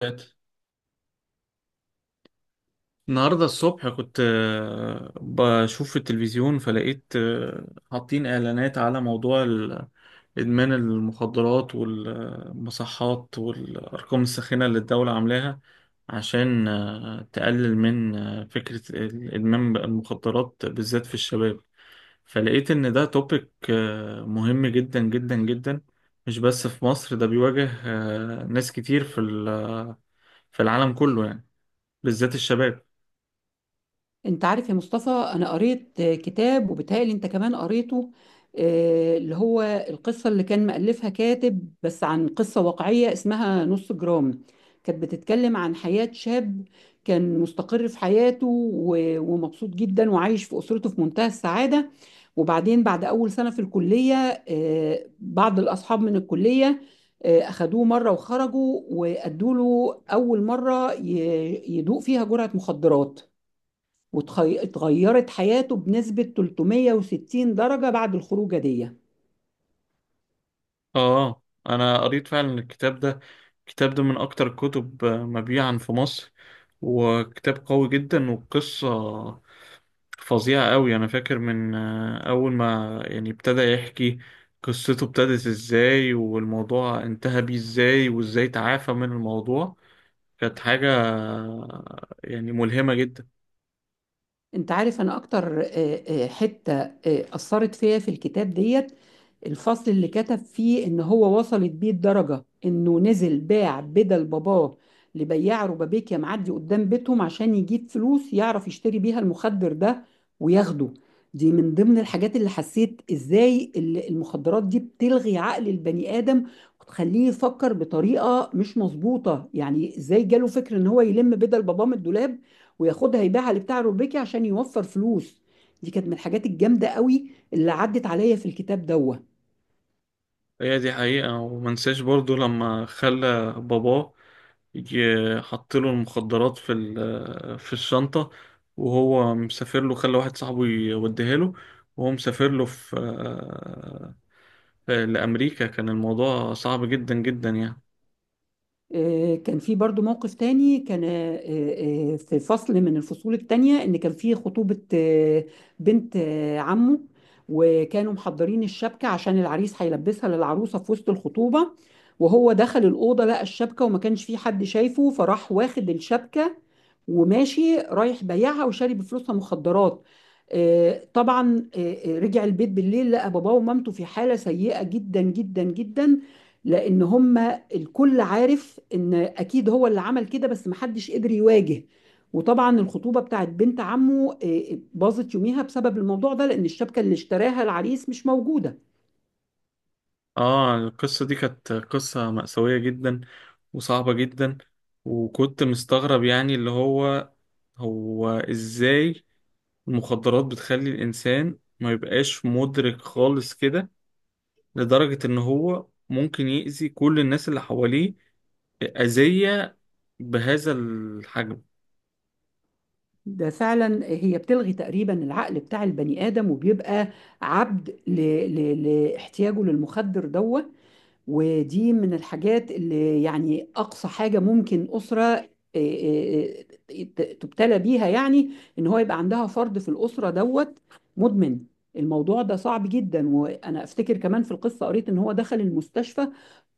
فات النهاردة الصبح كنت بشوف في التلفزيون فلقيت حاطين إعلانات على موضوع إدمان المخدرات والمصحات والأرقام الساخنة اللي الدولة عاملاها عشان تقلل من فكرة إدمان المخدرات بالذات في الشباب. فلقيت إن ده توبيك مهم جدا جدا جدا، مش بس في مصر، ده بيواجه ناس كتير في العالم كله يعني، بالذات الشباب. انت عارف يا مصطفى، انا قريت كتاب وبيتهيألي انت كمان قريته، اللي هو القصة اللي كان مألفها كاتب بس عن قصة واقعية اسمها نص جرام. كانت بتتكلم عن حياة شاب كان مستقر في حياته و- ومبسوط جدا وعايش في أسرته في منتهى السعادة. وبعدين بعد أول سنة في الكلية، بعض الأصحاب من الكلية أخدوه مرة وخرجوا وأدوا له أول مرة يدوق فيها جرعة مخدرات، واتغيرت حياته بنسبة 360 درجة بعد الخروجة دي. اه، انا قريت فعلا الكتاب ده. الكتاب ده من اكتر الكتب مبيعا في مصر، وكتاب قوي جدا، وقصة فظيعة قوي. انا فاكر من اول ما يعني ابتدى يحكي قصته، ابتدت ازاي والموضوع انتهى بيه ازاي وازاي تعافى من الموضوع. كانت حاجة يعني ملهمة جدا. انت عارف، انا اكتر حتة اثرت فيا في الكتاب ديت الفصل اللي كتب فيه ان هو وصلت بيه الدرجة انه نزل باع بدل باباه لبياع ربابيكيا معدي قدام بيتهم عشان يجيب فلوس يعرف يشتري بيها المخدر ده وياخده. دي من ضمن الحاجات اللي حسيت ازاي المخدرات دي بتلغي عقل البني ادم وتخليه يفكر بطريقة مش مظبوطة. يعني ازاي جاله فكر ان هو يلم بدل باباه من الدولاب وياخدها يبيعها لبتاع روبيكي عشان يوفر فلوس. دي كانت من الحاجات الجامده قوي اللي عدت عليا في الكتاب دوه. هي دي حقيقة، ومنساش برضو لما خلى باباه يجي، حطله المخدرات في الشنطة وهو مسافر له، خلى واحد صاحبه يوديها له وهو مسافر له في لأمريكا. كان الموضوع صعب جدا جدا يعني. كان في برضو موقف تاني كان في فصل من الفصول التانية ان كان في خطوبة بنت عمه، وكانوا محضرين الشبكة عشان العريس هيلبسها للعروسة في وسط الخطوبة. وهو دخل الأوضة لقى الشبكة وما كانش في حد شايفه، فراح واخد الشبكة وماشي رايح بيعها وشاري بفلوسها مخدرات. طبعا رجع البيت بالليل لقى باباه ومامته في حالة سيئة جدا جدا جدا، لان هم الكل عارف ان اكيد هو اللي عمل كده، بس محدش قدر يواجه. وطبعا الخطوبه بتاعت بنت عمه باظت يوميها بسبب الموضوع ده لان الشبكه اللي اشتراها العريس مش موجوده. اه، القصة دي كانت قصة مأساوية جدا وصعبة جدا. وكنت مستغرب يعني اللي هو ازاي المخدرات بتخلي الإنسان ما يبقاش مدرك خالص كده، لدرجة إن هو ممكن يأذي كل الناس اللي حواليه أذية بهذا الحجم. ده فعلا هي بتلغي تقريبا العقل بتاع البني ادم وبيبقى عبد ل... لاحتياجه للمخدر دوه. ودي من الحاجات اللي يعني أقصى حاجة ممكن أسرة آه، تبتلى بيها، يعني إن هو يبقى عندها فرد في الأسرة دوت مدمن. الموضوع ده صعب جدا، وأنا أفتكر كمان في القصة قريت إن هو دخل المستشفى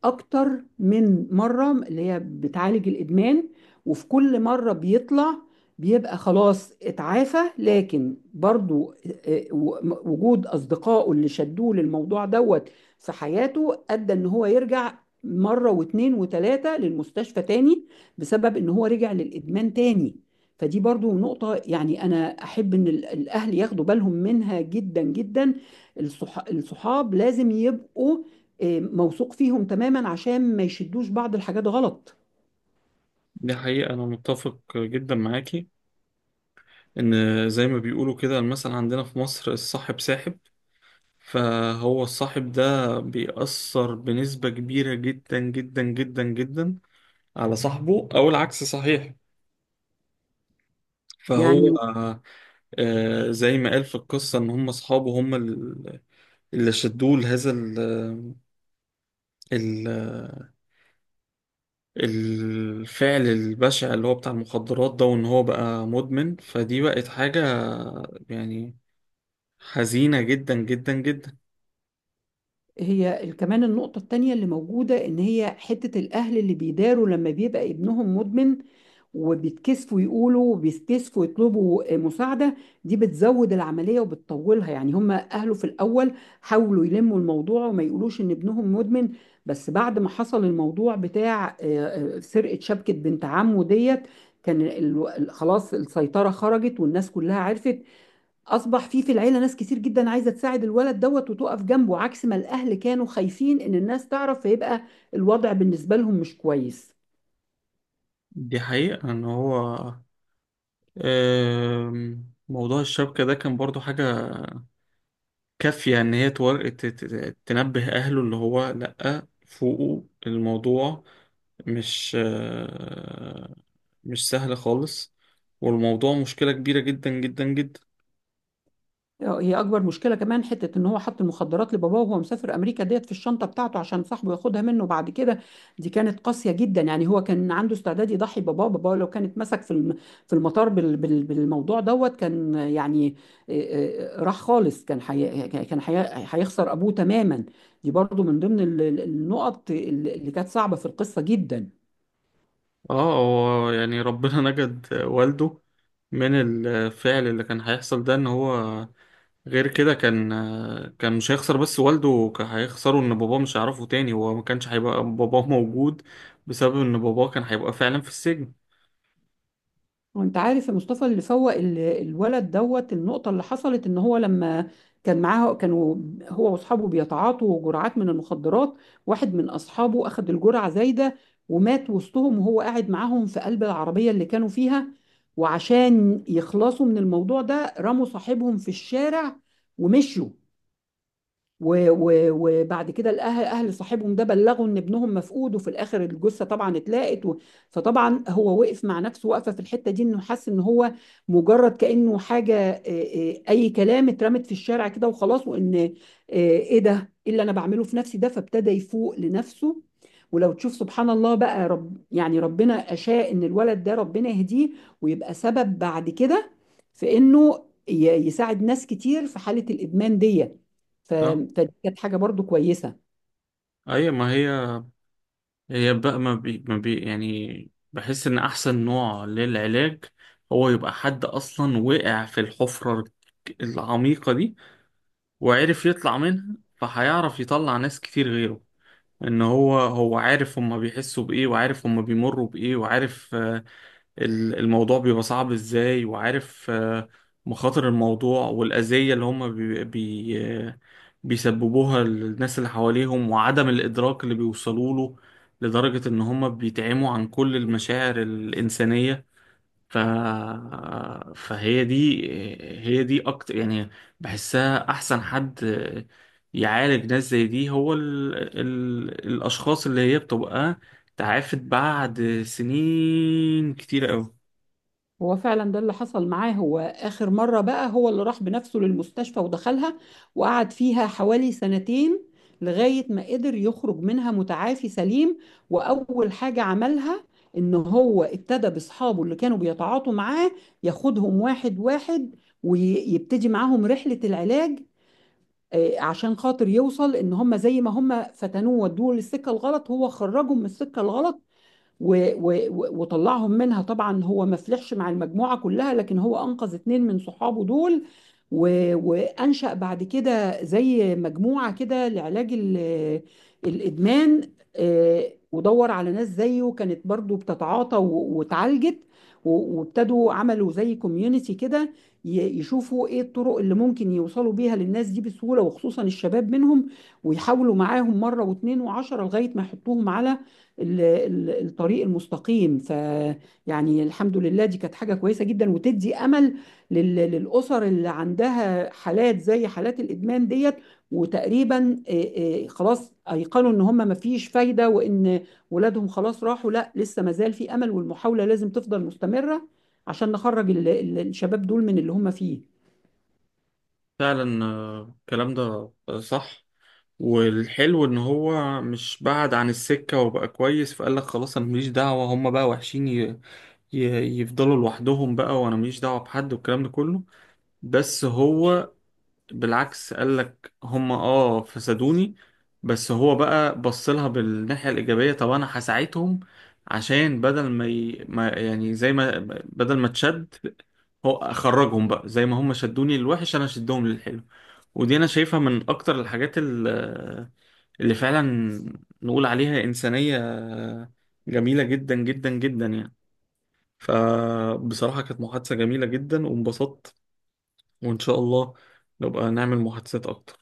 اكتر من مرة اللي هي بتعالج الادمان، وفي كل مرة بيطلع بيبقى خلاص اتعافى، لكن برضو وجود اصدقائه اللي شدوه للموضوع دوت في حياته ادى ان هو يرجع مرة واتنين وتلاتة للمستشفى تاني بسبب ان هو رجع للادمان تاني. فدي برضو نقطة يعني انا احب ان الاهل ياخدوا بالهم منها جدا جدا. الصحاب لازم يبقوا موثوق فيهم تماما عشان ما يشدوش بعض الحاجات غلط دي حقيقة، أنا متفق جدا معاكي. إن زي ما بيقولوا كده، المثل عندنا في مصر: الصاحب ساحب. فهو الصاحب ده بيأثر بنسبة كبيرة جدا جدا جدا جدا على صاحبه، أو العكس صحيح. فهو يعني. زي ما قال في القصة إن هم أصحابه هم اللي شدوه لهذا ال- الفعل البشع اللي هو بتاع المخدرات ده، وان هو بقى مدمن. فدي بقت حاجة يعني حزينة جدا جدا جدا. هي كمان النقطة التانية اللي موجودة إن هي حتة الأهل اللي بيداروا لما بيبقى ابنهم مدمن وبيتكسفوا يقولوا وبيتكسفوا يطلبوا مساعدة، دي بتزود العملية وبتطولها. يعني هم أهله في الأول حاولوا يلموا الموضوع وما يقولوش إن ابنهم مدمن، بس بعد ما حصل الموضوع بتاع سرقة شبكة بنت عمه ديت كان خلاص السيطرة خرجت والناس كلها عرفت. اصبح في في العيله ناس كتير جدا عايزه تساعد الولد دوت وتقف جنبه، عكس ما الاهل كانوا خايفين ان الناس تعرف فيبقى الوضع بالنسبه لهم مش كويس. دي حقيقة ان هو، موضوع الشبكة ده كان برضو حاجة كافية ان هي تنبه اهله اللي هو لأ، فوقه الموضوع مش مش سهل خالص، والموضوع مشكلة كبيرة جدا جدا جدا. هي اكبر مشكله كمان حته ان هو حط المخدرات لباباه وهو مسافر امريكا ديت في الشنطه بتاعته عشان صاحبه ياخدها منه بعد كده. دي كانت قاسيه جدا، يعني هو كان عنده استعداد يضحي باباه باباه لو كانت مسك في في المطار بالموضوع دوت، كان يعني راح خالص. هيخسر ابوه تماما. دي برضو من ضمن النقط اللي كانت صعبه في القصه جدا. اه، هو يعني ربنا نجد والده من الفعل اللي كان هيحصل ده، ان هو غير كده كان مش هيخسر بس والده، كان هيخسره ان باباه مش هيعرفه تاني، هو ما كانش هيبقى باباه موجود بسبب ان باباه كان هيبقى فعلا في السجن. وانت عارف يا مصطفى، اللي فوق الولد دوت النقطة اللي حصلت ان هو لما كان معاه كانوا هو واصحابه بيتعاطوا جرعات من المخدرات، واحد من اصحابه اخذ الجرعة زايدة ومات وسطهم وهو قاعد معاهم في قلب العربية اللي كانوا فيها، وعشان يخلصوا من الموضوع ده رموا صاحبهم في الشارع ومشوا. و- و- وبعد كده الاهل اهل صاحبهم ده بلغوا ان ابنهم مفقود وفي الاخر الجثه طبعا اتلاقت. و... فطبعا هو وقف مع نفسه واقفه في الحته دي انه حس ان هو مجرد كانه حاجه اي كلام اترمت في الشارع كده وخلاص. وان ايه ده، ايه اللي انا بعمله في نفسي ده؟ فابتدى يفوق لنفسه. ولو تشوف سبحان الله بقى، رب يعني ربنا اشاء ان الولد ده ربنا يهديه ويبقى سبب بعد كده في انه يساعد ناس كتير في حاله الادمان دي. ف- صح. فدي كانت حاجة برضو كويسة. ايوه، ما هي هي بقى ما بي ما بي يعني بحس ان احسن نوع للعلاج هو يبقى حد اصلا وقع في الحفرة العميقة دي وعرف يطلع منها، فهيعرف يطلع ناس كتير غيره. ان هو عارف هما بيحسوا بايه، وعارف هما بيمروا بايه، وعارف الموضوع بيبقى صعب ازاي، وعارف مخاطر الموضوع، والاذية اللي هما بي بي آه، بيسببوها للناس اللي حواليهم، وعدم الادراك اللي بيوصلوا له لدرجة ان هما بيتعموا عن كل المشاعر الانسانية. ف... فهي دي هي دي اكتر يعني بحسها احسن حد يعالج ناس زي دي، هو الاشخاص اللي هي بتبقى تعافت بعد سنين كتير قوي. هو فعلا ده اللي حصل معاه، هو آخر مرة بقى هو اللي راح بنفسه للمستشفى ودخلها وقعد فيها حوالي سنتين لغاية ما قدر يخرج منها متعافي سليم. وأول حاجة عملها إن هو ابتدى بأصحابه اللي كانوا بيتعاطوا معاه ياخدهم واحد واحد ويبتدي معاهم رحلة العلاج، عشان خاطر يوصل إن هم زي ما هم فتنوه ودوه للسكة الغلط هو خرجهم من السكة الغلط. و- و- و- وطلعهم منها. طبعا هو ما فلحش مع المجموعة كلها، لكن هو أنقذ اتنين من صحابه دول، و- وأنشأ بعد كده زي مجموعة كده لعلاج الإدمان. ودور على ناس زيه كانت برضو بتتعاطى واتعالجت، وابتدوا عملوا زي كوميونيتي كده يشوفوا ايه الطرق اللي ممكن يوصلوا بيها للناس دي بسهولة وخصوصا الشباب منهم، ويحاولوا معاهم مرة واتنين وعشرة لغاية ما يحطوهم على الطريق المستقيم. فيعني الحمد لله دي كانت حاجة كويسة جدا وتدي أمل للأسر اللي عندها حالات زي حالات الإدمان ديت وتقريبا خلاص أيقنوا إن هم مفيش فايدة وإن ولادهم خلاص راحوا. لا، لسه مازال في أمل والمحاولة لازم تفضل مستمرة عشان نخرج الشباب دول من اللي هم فيه. فعلا الكلام ده صح. والحلو ان هو مش بعد عن السكة وبقى كويس فقال لك: خلاص انا ماليش دعوة، هما بقى وحشين ي... يفضلوا لوحدهم بقى وانا ماليش دعوة بحد والكلام ده كله. بس هو بالعكس قال لك: هم اه فسدوني، بس هو بقى بص لها بالناحية الإيجابية، طب أنا هساعدهم. عشان بدل ما، ي... ما يعني زي ما بدل ما تشد، هو أخرجهم بقى. زي ما هم شدوني للوحش، أنا شدهم للحلو. ودي أنا شايفها من أكتر الحاجات اللي فعلا نقول عليها إنسانية جميلة جدا جدا جدا يعني. فبصراحة كانت محادثة جميلة جدا وانبسطت، وإن شاء الله نبقى نعمل محادثات أكتر.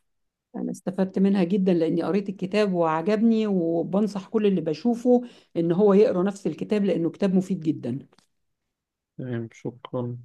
أنا استفدت منها جدا لأني قريت الكتاب وعجبني، وبنصح كل اللي بشوفه إن هو يقرأ نفس الكتاب لأنه كتاب مفيد جدا. تمام، شكرا.